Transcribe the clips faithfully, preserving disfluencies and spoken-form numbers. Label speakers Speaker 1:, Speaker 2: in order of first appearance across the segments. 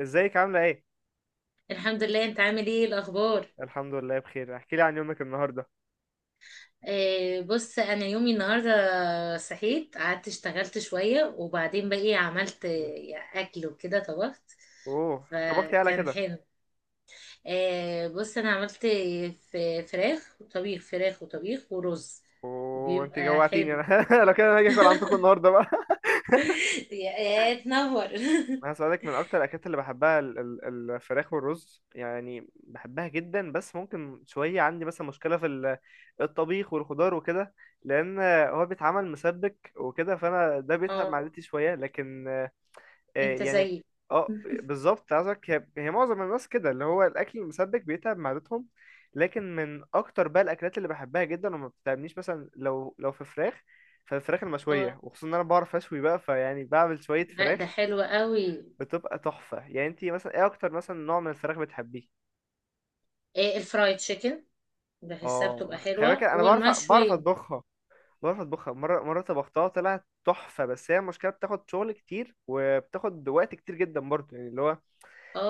Speaker 1: ازيك عاملة ايه؟
Speaker 2: الحمد لله، انت عامل ايه الاخبار؟
Speaker 1: الحمد لله بخير، احكي لي عن يومك النهاردة.
Speaker 2: آه بص انا يومي النهارده صحيت، قعدت اشتغلت شويه، وبعدين بقى ايه عملت،
Speaker 1: مم.
Speaker 2: آه، اكل وكده، طبخت.
Speaker 1: اوه، طبختي على
Speaker 2: فكان
Speaker 1: كده.
Speaker 2: حلو. آه بص انا عملت ف- فراخ وطبيخ، فراخ وطبيخ ورز.
Speaker 1: اوه، انت
Speaker 2: بيبقى
Speaker 1: جوعتيني
Speaker 2: حلو.
Speaker 1: انا لو كده انا هاجي اكل عندكم النهاردة بقى.
Speaker 2: يا يا تنور.
Speaker 1: انا هسألك، من اكتر الاكلات اللي بحبها ال- ال- الفراخ والرز، يعني بحبها جدا، بس ممكن شوية عندي مثلا مشكلة في ال- الطبيخ والخضار وكده، لان هو بيتعمل مسبك وكده فانا ده بيتعب
Speaker 2: اه،
Speaker 1: معدتي شوية. لكن آه،
Speaker 2: انت
Speaker 1: يعني
Speaker 2: زيي.
Speaker 1: اه، بالظبط عايزك. هي هي معظم الناس كده، اللي هو الاكل المسبك بيتعب معدتهم. لكن من اكتر بقى الاكلات اللي بحبها جدا وما بتتعبنيش، مثلا لو لو في فراخ، فالفراخ
Speaker 2: اه،
Speaker 1: المشويه، وخصوصا ان انا بعرف اشوي بقى، فيعني بعمل شويه
Speaker 2: لا، ده
Speaker 1: فراخ
Speaker 2: حلو قوي.
Speaker 1: بتبقى تحفه. يعني انتي مثلا ايه اكتر مثلا نوع من الفراخ بتحبيه؟
Speaker 2: آه، الفرايد تشيكن. بحسها بتبقى
Speaker 1: اه، خلي بالك،
Speaker 2: حلوه،
Speaker 1: انا بعرف بعرف
Speaker 2: والمشويه.
Speaker 1: اطبخها، بعرف اطبخها. مره مره طبختها طلعت تحفه، بس هي المشكله بتاخد شغل كتير وبتاخد وقت كتير جدا برضه. يعني اللي هو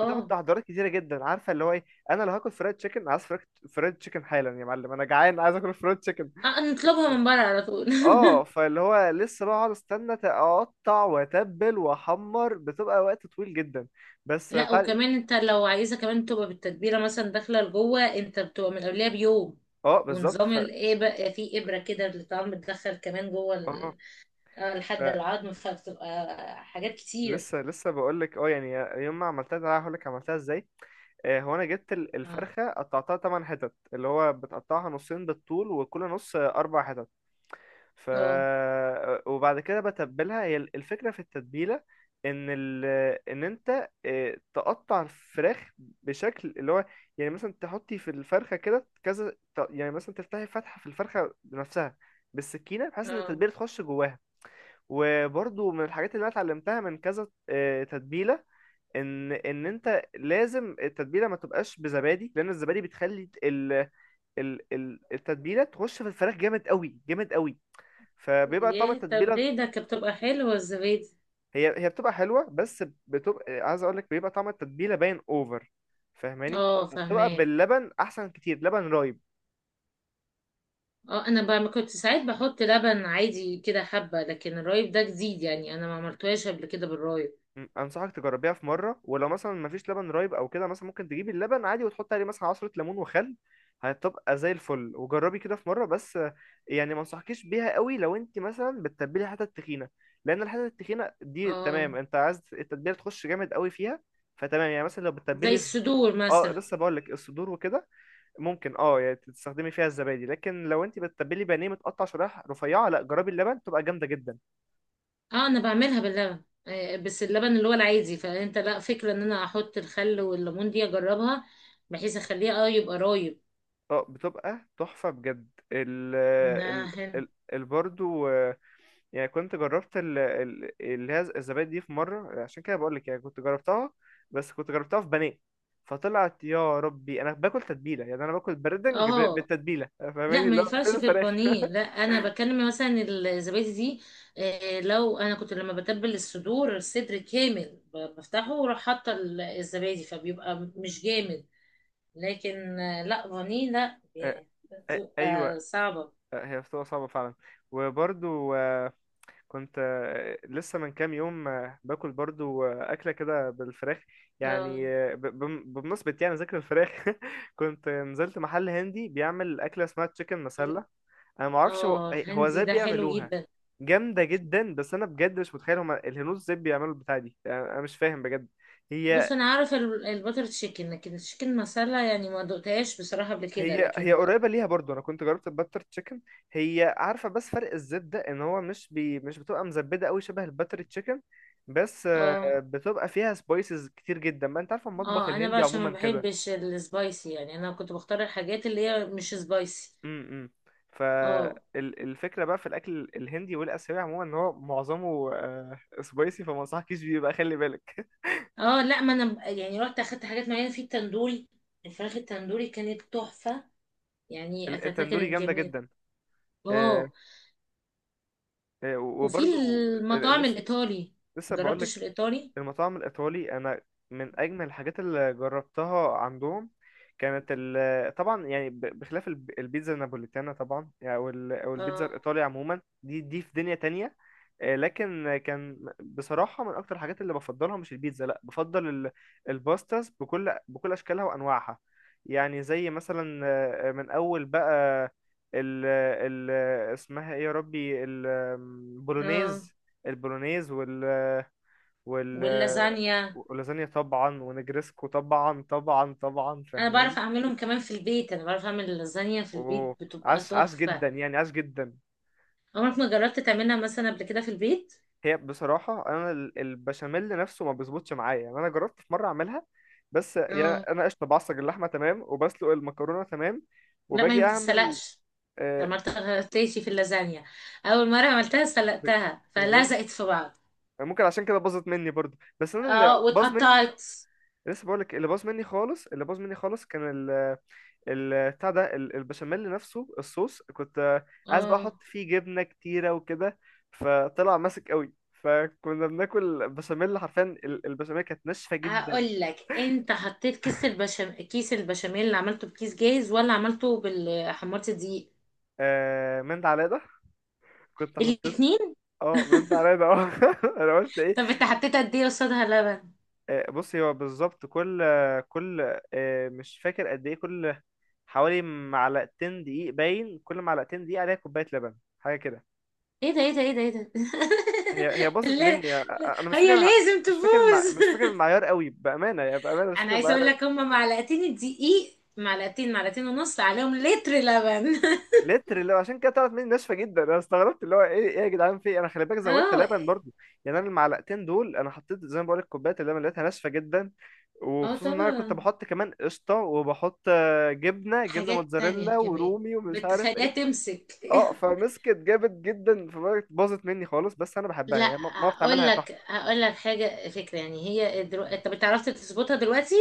Speaker 1: بتاخد تحضيرات كتيره جدا، عارفه اللي هو ايه. انا لو هاكل فرايد تشيكن، عايز فرايد فرايد تشيكن حالا يا معلم، انا جعان عايز اكل فرايد تشيكن.
Speaker 2: اه، نطلبها من بره على طول.
Speaker 1: اه، فاللي هو لسه بقى اقعد استنى، ت- اقطع واتبل واحمر، بتبقى وقت طويل جدا. بس
Speaker 2: لا،
Speaker 1: تعالي،
Speaker 2: وكمان انت لو عايزه كمان تبقى بالتتبيله مثلا داخله لجوه، انت بتبقى من قبلها بيوم.
Speaker 1: اه بالظبط.
Speaker 2: ونظام
Speaker 1: ف
Speaker 2: الابره، في ابره كده اللي طبعا بتدخل كمان جوه
Speaker 1: اه،
Speaker 2: ال- اه، لحد
Speaker 1: ف...
Speaker 2: العظم فبتبقى حاجات كتير.
Speaker 1: لسه لسه بقول لك، اه يعني يوم ما عملتها ده هقول لك عملتها ازاي. آه، هو انا جبت ال-
Speaker 2: اه،
Speaker 1: الفرخه، قطعتها تمن حتت، اللي هو بتقطعها نصين بالطول، وكل نص آه، اربع حتت. ف
Speaker 2: اه،
Speaker 1: وبعد كده بتبلها. هي الفكرة في التتبيلة ان ال... ان انت آه، تقطع الفراخ بشكل اللي هو، يعني مثلا تحطي في الفرخة كده كذا، ت- يعني مثلا تفتحي فتحة في الفرخة بنفسها بالسكينة، بحيث ان
Speaker 2: اه.
Speaker 1: التتبيلة تخش جواها. وبرضو من الحاجات اللي انا اتعلمتها من كذا آه، تتبيلة، ان ان انت لازم التتبيلة ما تبقاش بزبادي، لان الزبادي بتخلي ال... ال... ال- التتبيلة تخش في الفراخ جامد قوي، جامد قوي، فبيبقى طعم
Speaker 2: ياه، طب
Speaker 1: التتبيله.
Speaker 2: ليه ده؟ كانت بتبقى حلوه الزبادي.
Speaker 1: هي هي بتبقى حلوه، بس بتبقى، عايز اقول لك، بيبقى طعم التتبيله باين اوفر، فاهماني.
Speaker 2: اه،
Speaker 1: فبتبقى
Speaker 2: فهماك.
Speaker 1: باللبن احسن كتير، لبن رايب.
Speaker 2: اه، انا بقى، ما كنت ساعات بحط لبن عادي كده حبه، لكن الرايب ده جديد، يعني انا ما عملتوهاش قبل كده بالرايب.
Speaker 1: م، انصحك تجربيها في مره. ولو مثلا مفيش لبن رايب او كده، مثلا ممكن تجيبي اللبن عادي وتحطي عليه مثلا عصره ليمون وخل، هتبقى زي الفل. وجربي كده في مره، بس آه، يعني ما انصحكيش بيها قوي لو انت مثلا بتتبلي حتة تخينه، لان الحتة التخينه دي
Speaker 2: اه،
Speaker 1: تمام، انت عايز التتبيله تخش جامد قوي فيها. فتمام يعني مثلا لو
Speaker 2: زي
Speaker 1: بتتبلي،
Speaker 2: الصدور
Speaker 1: اه
Speaker 2: مثلا.
Speaker 1: لسه بقول لك. الصدور وكده ممكن اه يعني تستخدمي فيها الزبادي، لكن لو انت بتتبلي بانيه متقطع شرايح رفيعه، لا، جربي اللبن، بتبقى جامده جدا.
Speaker 2: اه، انا بعملها باللبن، آه، بس اللبن اللي هو العادي، فانت لا فكرة ان انا احط الخل والليمون دي اجربها، بحيث اخليه، اه، يبقى رايب.
Speaker 1: اه بتبقى تحفه بجد. ال
Speaker 2: لا،
Speaker 1: ال
Speaker 2: حلو.
Speaker 1: ال, ال برضو آه، يعني كنت جربت ال ال اللي هي الزبادي دي في مره، عشان كده بقول لك، يعني كنت جربتها، بس كنت جربتها في بانيه، فطلعت يا ربي انا باكل تتبيله، يعني انا باكل بردنج ب-
Speaker 2: اه،
Speaker 1: بالتتبيله،
Speaker 2: لا،
Speaker 1: فاهماني،
Speaker 2: ما
Speaker 1: اللي هو فين
Speaker 2: ينفعش في
Speaker 1: الفراخ.
Speaker 2: البانيه، لا، انا بكلم مثلا الزبادي دي، آه، لو انا كنت لما بتبل الصدور الصدر كامل ب- بفتحه، واروح حاطه ال- الزبادي، فبيبقى مش جامد. لكن آه، لا، بانيه لا،
Speaker 1: آه،
Speaker 2: يعني
Speaker 1: آه، ايوه،
Speaker 2: بتبقى صعبة.
Speaker 1: آه، هي بتبقى صعبه فعلا. وبرضو كنت آه، لسه من كام يوم آه، باكل برضو آه، أكلة كده بالفراخ،
Speaker 2: اه،
Speaker 1: يعني آه، ب- بم- بمناسبة يعني ذكر الفراخ. كنت نزلت محل هندي بيعمل أكلة اسمها تشيكن مسلة. أنا معرفش هو
Speaker 2: اه،
Speaker 1: إيه، هو
Speaker 2: الهندي
Speaker 1: ازاي
Speaker 2: ده حلو
Speaker 1: بيعملوها.
Speaker 2: جدا.
Speaker 1: جامدة جدا، بس أنا بجد مش متخيل هما الهنود ازاي بيعملوا البتاعة دي، يعني أنا مش فاهم بجد. هي
Speaker 2: بص انا عارف ال- البتر تشيكن، لكن التشيكن مسالة، يعني ما دقتهاش بصراحة قبل كده،
Speaker 1: هي هي
Speaker 2: لكن
Speaker 1: قريبة ليها برضو. أنا كنت جربت الباتر تشيكن، هي عارفة، بس فرق الزيت ده، إن هو مش بي مش بتبقى مزبدة أوي شبه الباتر تشيكن، بس آه،
Speaker 2: اه،
Speaker 1: بتبقى فيها سبايسز كتير جدا، ما أنت عارفة المطبخ
Speaker 2: اه، انا بقى
Speaker 1: الهندي
Speaker 2: عشان ما
Speaker 1: عموما كده.
Speaker 2: بحبش السبايسي، يعني انا كنت بختار الحاجات اللي هي مش سبايسي.
Speaker 1: امم،
Speaker 2: اه،
Speaker 1: فالفكرة بقى في الأكل الهندي والآسيوي عموما، إن هو معظمه سبايسي، فما أنصحكيش بيه بقى، خلي بالك.
Speaker 2: اه، لا، ما انا ب- يعني رحت اخدت حاجات معينة في التندوري. الفراخ التندوري كانت تحفة، يعني اكلتها
Speaker 1: التندوري
Speaker 2: كانت
Speaker 1: جامدة
Speaker 2: جميلة.
Speaker 1: جدا. آه،
Speaker 2: اه،
Speaker 1: آه،
Speaker 2: وفي
Speaker 1: وبرضو آه،
Speaker 2: المطاعم
Speaker 1: لسه،
Speaker 2: الايطالي،
Speaker 1: لسه
Speaker 2: مجربتش
Speaker 1: بقولك.
Speaker 2: الايطالي.
Speaker 1: المطاعم الإيطالي أنا من أجمل الحاجات اللي جربتها عندهم، كانت ال، طبعا يعني ب- بخلاف الب- البيتزا النابوليتانا طبعا، يعني أو ال- أو البيتزا
Speaker 2: اه،
Speaker 1: الإيطالي عموما، دي دي في دنيا تانية. آه، لكن كان بصراحة من أكتر الحاجات اللي بفضلها مش البيتزا لأ، بفضل ال- الباستاز، بكل بكل أشكالها وأنواعها. يعني زي مثلا آه، من أول بقى ال ال اسمها إيه يا ربي،
Speaker 2: اه،
Speaker 1: البولونيز. البولونيز وال
Speaker 2: واللازانيا.
Speaker 1: ولازانيا طبعا، ونجرسكو طبعا طبعا طبعا،
Speaker 2: انا
Speaker 1: فاهماني.
Speaker 2: بعرف اعملهم كمان في البيت، انا بعرف اعمل اللازانيا في البيت،
Speaker 1: اوه،
Speaker 2: بتبقى
Speaker 1: عاش عاش
Speaker 2: تحفة.
Speaker 1: جدا، يعني عاش جدا.
Speaker 2: عمرك ما جربت تعملها مثلا قبل كده في البيت؟
Speaker 1: هي بصراحة أنا ال- البشاميل نفسه ما بيظبطش معايا، يعني أنا جربت في مرة أعملها، بس يعني
Speaker 2: اه،
Speaker 1: أنا قشطة بعصج اللحمة تمام، وبسلق المكرونة تمام،
Speaker 2: لا، ما هي
Speaker 1: وباجي
Speaker 2: ما
Speaker 1: أعمل
Speaker 2: بتتسلقش.
Speaker 1: آه،
Speaker 2: عملتها غلطتي في اللازانيا. اول مرة عملتها
Speaker 1: ب-
Speaker 2: سلقتها،
Speaker 1: بجد
Speaker 2: فلزقت في بعض.
Speaker 1: ممكن عشان كده باظت مني برضو. بس أنا اللي
Speaker 2: اه،
Speaker 1: باظ مني،
Speaker 2: واتقطعت.
Speaker 1: لسه بقولك، اللي باظ مني خالص، اللي باظ مني خالص كان البتاع ده، ال- البشاميل نفسه، الصوص. كنت آه، عايز بقى
Speaker 2: اه،
Speaker 1: احط فيه جبنه كتيره وكده، فطلع ماسك قوي، فكنا بناكل بشاميل حرفيا، ال- البشاميل كانت ناشفه جدا.
Speaker 2: هقول لك، انت حطيت كيس البشام كيس البشاميل اللي عملته بكيس جاهز ولا عملته بال حمرت دقيق؟
Speaker 1: آه من ده على ده، كنت حطيت
Speaker 2: الاتنين.
Speaker 1: اه من ده على ده اه. انا قلت ايه؟
Speaker 2: طب انت حطيت قد ايه قصادها لبن؟
Speaker 1: آه، بصي، هو بالظبط كل آه، كل آه، مش فاكر قد ايه، كل حوالي معلقتين دقيق، باين كل معلقتين دقيق عليها كوبايه لبن، حاجه كده.
Speaker 2: ايه ده، ايه ده، ايه ده، ايه ده!
Speaker 1: هي هي باظت
Speaker 2: لا،
Speaker 1: مني،
Speaker 2: لا،
Speaker 1: انا مش
Speaker 2: هي
Speaker 1: فاكر،
Speaker 2: لازم
Speaker 1: مش فاكر المع...
Speaker 2: تفوز.
Speaker 1: مش فاكر المعيار قوي، بامانه يعني بامانه مش
Speaker 2: انا
Speaker 1: فاكر
Speaker 2: عايزه
Speaker 1: المعيار
Speaker 2: اقول
Speaker 1: قوي.
Speaker 2: لك، هما معلقتين الدقيق، معلقتين، معلقتين ونص عليهم لتر لبن.
Speaker 1: لتر، اللي هو عشان كده طلعت مني ناشفه جدا، انا استغربت اللي هو ايه، ايه يا جدعان، في إيه؟ انا خلي بالك زودت
Speaker 2: اه،
Speaker 1: لبن برضو. يعني انا المعلقتين دول انا حطيت زي ما بقول لك كوبايه اللبن، لقيتها ناشفه جدا،
Speaker 2: اه،
Speaker 1: وخصوصا ان انا كنت
Speaker 2: طبعا،
Speaker 1: بحط كمان قشطه، وبحط آه، جبنه جبنه
Speaker 2: حاجات
Speaker 1: موتزاريلا
Speaker 2: تانية كمان
Speaker 1: ورومي ومش عارف
Speaker 2: بتخليها
Speaker 1: ايه.
Speaker 2: تمسك.
Speaker 1: اه، فمسكت جامد جدا، فبقت باظت مني خالص، بس انا بحبها
Speaker 2: لا،
Speaker 1: يعني، ما ما بعرف
Speaker 2: اقول
Speaker 1: اعملها
Speaker 2: لك
Speaker 1: تحفه.
Speaker 2: هقول لك حاجه فكره، يعني هي درو... انت بتعرف تظبطها دلوقتي.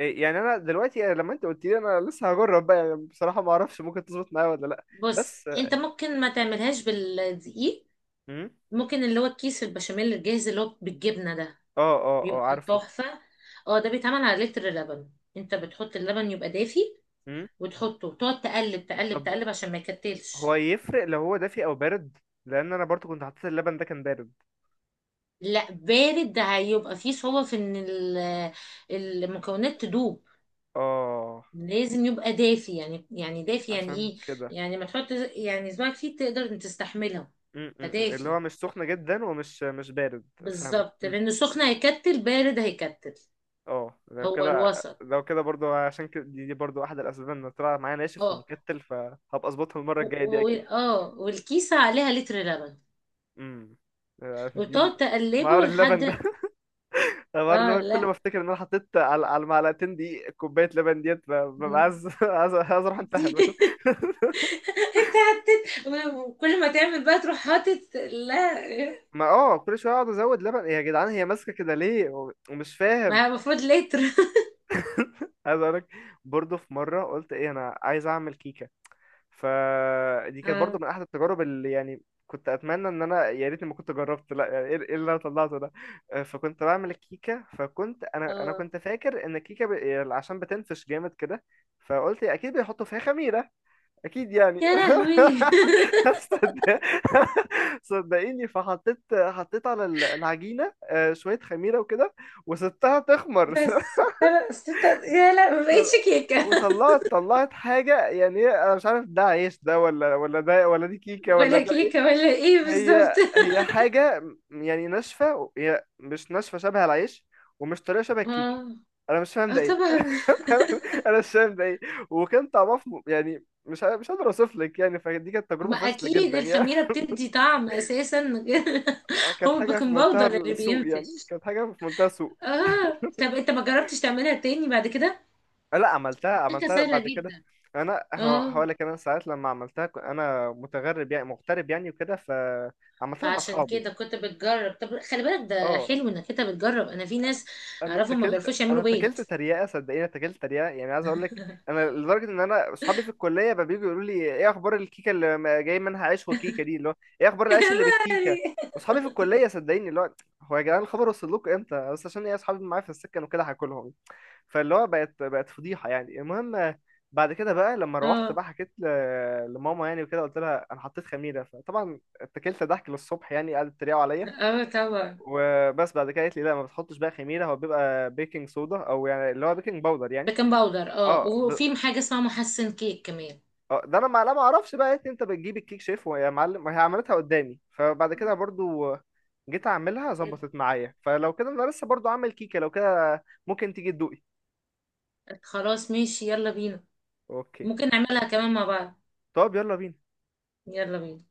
Speaker 1: إيه يعني، انا دلوقتي، يعني لما انت قلت لي، انا لسه هجرب بقى، يعني بصراحه ما اعرفش ممكن تظبط معايا ولا لا.
Speaker 2: بص،
Speaker 1: بس
Speaker 2: انت ممكن ما تعملهاش بالدقيق.
Speaker 1: امم.
Speaker 2: ممكن اللي هو الكيس البشاميل الجاهز اللي هو بالجبنه ده
Speaker 1: اه اه اه
Speaker 2: بيبقى
Speaker 1: عارفه.
Speaker 2: تحفة. اه، ده بيتعمل على لتر لبن. انت بتحط اللبن يبقى دافي،
Speaker 1: امم،
Speaker 2: وتحطه وتقعد تقلب تقلب
Speaker 1: طب
Speaker 2: تقلب عشان ما
Speaker 1: هو
Speaker 2: يكتلش.
Speaker 1: يفرق لو هو دافي او بارد؟ لان انا برضو كنت حطيت اللبن ده كان بارد.
Speaker 2: لا، بارد ده هيبقى فيه صعوبة في ان ال- المكونات تدوب.
Speaker 1: اه
Speaker 2: لازم يبقى دافي، يعني يعني دافي، يعني
Speaker 1: عشان
Speaker 2: ايه؟
Speaker 1: كده.
Speaker 2: يعني ما تحط، يعني صباعك فيه تقدر إن تستحملها.
Speaker 1: امم، اللي
Speaker 2: فدافي.
Speaker 1: هو مش سخن جدا ومش، مش بارد. فاهمك،
Speaker 2: بالظبط،
Speaker 1: امم.
Speaker 2: لان سخن هيكتل، بارد هيكتل.
Speaker 1: اه لو
Speaker 2: هو
Speaker 1: كده،
Speaker 2: الوسط.
Speaker 1: لو كده برضو عشان كده دي, دي برضو احد الاسباب ان طلع معايا ناشف
Speaker 2: اه،
Speaker 1: ومكتل، فهبقى اظبطها المره
Speaker 2: و...
Speaker 1: الجايه دي
Speaker 2: و...
Speaker 1: اكيد.
Speaker 2: اه، والكيسة عليها لتر لبن،
Speaker 1: امم. آه، دي
Speaker 2: وتقعد
Speaker 1: مهار
Speaker 2: تقلبه
Speaker 1: اللبن ده،
Speaker 2: لحد
Speaker 1: الحوار اللي
Speaker 2: اه،
Speaker 1: هو كل
Speaker 2: لا.
Speaker 1: ما افتكر ان انا حطيت على على المعلقتين دي كوبايه لبن، ديت ب- ببقى
Speaker 2: مم.
Speaker 1: عايز عايز عايز اروح انتحر.
Speaker 2: كتير. انت حطيت، وكل ما تعمل بقى تروح حاطط، لا.
Speaker 1: ما اه، كل شويه اقعد ازود لبن، إيه يا جدعان، هي ماسكه كده ليه؟ و- ومش
Speaker 2: ما
Speaker 1: فاهم.
Speaker 2: هي المفروض لتر.
Speaker 1: عايز اقول لك، برضه في مره قلت ايه، انا عايز اعمل كيكه. فدي كانت برضه
Speaker 2: اه،
Speaker 1: من احد التجارب اللي، يعني كنت اتمنى ان انا يا ريتني ما كنت جربت، لا يعني ايه، إيه اللي انا طلعته ده. آه، فكنت بعمل الكيكه، فكنت انا انا
Speaker 2: اه،
Speaker 1: كنت فاكر ان الكيكه ب... يعني عشان بتنفش جامد كده، فقلت اكيد بيحطوا فيها خميره، اكيد يعني.
Speaker 2: يا لهوي!
Speaker 1: صد- صدقيني، فحطيت حطيت على ال- العجينه آه، شويه خميره وكده، وسبتها تخمر.
Speaker 2: بس انا أصل أنت- يا، لا، ما بقتش كيكه!
Speaker 1: وطلعت، طلعت حاجه، يعني هي، انا مش عارف ده عيش ده، ولا ولا ده، ولا دي كيكه، ولا
Speaker 2: ولا
Speaker 1: ده ايه.
Speaker 2: كيكه ولا ايه بالظبط!
Speaker 1: هي هي حاجه يعني ناشفه، هي مش ناشفه شبه العيش، ومش طريه شبه
Speaker 2: اه،
Speaker 1: الكيكه. انا مش فاهم
Speaker 2: اه،
Speaker 1: ده ايه،
Speaker 2: طبعا.
Speaker 1: انا مش فاهم ده ايه. وكان طعمها في م- يعني مش ع- مش قادر اوصف لك يعني، فدي كانت تجربه
Speaker 2: ما
Speaker 1: فاشله
Speaker 2: اكيد
Speaker 1: جدا يعني.
Speaker 2: الخميره بتدي طعم اساسا.
Speaker 1: كانت
Speaker 2: هو
Speaker 1: حاجه في
Speaker 2: البيكنج
Speaker 1: منتهى
Speaker 2: باودر اللي
Speaker 1: السوء يعني،
Speaker 2: بينفش.
Speaker 1: كانت حاجه في منتهى السوء.
Speaker 2: اه، طب انت ما جربتش تعملها تاني بعد كده؟
Speaker 1: لا، عملتها
Speaker 2: الكيكه
Speaker 1: عملتها
Speaker 2: سهله
Speaker 1: بعد كده.
Speaker 2: جدا.
Speaker 1: انا هو-
Speaker 2: اه،
Speaker 1: هقول لك، انا ساعات لما عملتها ك- انا متغرب، يعني مغترب يعني وكده، فعملتها مع
Speaker 2: فعشان
Speaker 1: اصحابي.
Speaker 2: كده كنت بتجرب. طب خلي بالك، ده
Speaker 1: اه،
Speaker 2: حلو انك انت بتجرب. انا في ناس
Speaker 1: انا
Speaker 2: اعرفهم ما
Speaker 1: اتكلت،
Speaker 2: بيعرفوش
Speaker 1: انا
Speaker 2: يعملوا بيض.
Speaker 1: اتكلت تريقه، صدقيني اتكلت تريقه، يعني عايز اقول لك، انا لدرجه ان انا اصحابي في الكليه بقى بييجوا يقولوا لي، ايه اخبار الكيكه اللي ما- جاي منها عيش وكيكه دي، اللي هو ايه اخبار العيش اللي بالكيكه.
Speaker 2: يعني.
Speaker 1: واصحابي في الكليه، صدقيني، اللي هو، هو يا جدعان الخبر وصل لكم امتى؟ بس عشان ايه، اصحابي معايا في السكن وكده هاكلهم. فاللي هو بقت بقت فضيحه يعني. المهم، بعد كده بقى لما روحت
Speaker 2: اه،
Speaker 1: بقى، حكيت ل- لماما يعني وكده، قلت لها انا حطيت خميره، فطبعا اتكلت ضحك للصبح يعني، قعدت تريقوا عليا.
Speaker 2: اه، طبعا.
Speaker 1: وبس بعد كده قالت لي لا، ما بتحطش بقى خميره، هو بيبقى بيكنج صودا، او يعني اللي هو بيكنج باودر يعني.
Speaker 2: بيكنج باودر. اه،
Speaker 1: اه ب...
Speaker 2: وفي حاجه اسمها محسن كيك كمان.
Speaker 1: اه ده انا ما، لا ما اعرفش بقى، قالت لي انت بتجيب الكيك شيف ويا معلم، وهي عملتها قدامي، فبعد كده برضو جيت اعملها ظبطت معايا. فلو كده، انا لسه برضو عامل كيكه، لو كده ممكن تيجي تدوقي.
Speaker 2: خلاص، ماشي، يلا بينا.
Speaker 1: اوكي
Speaker 2: ممكن نعملها كمان مع بعض.
Speaker 1: طب يلا بينا.
Speaker 2: يلا بينا.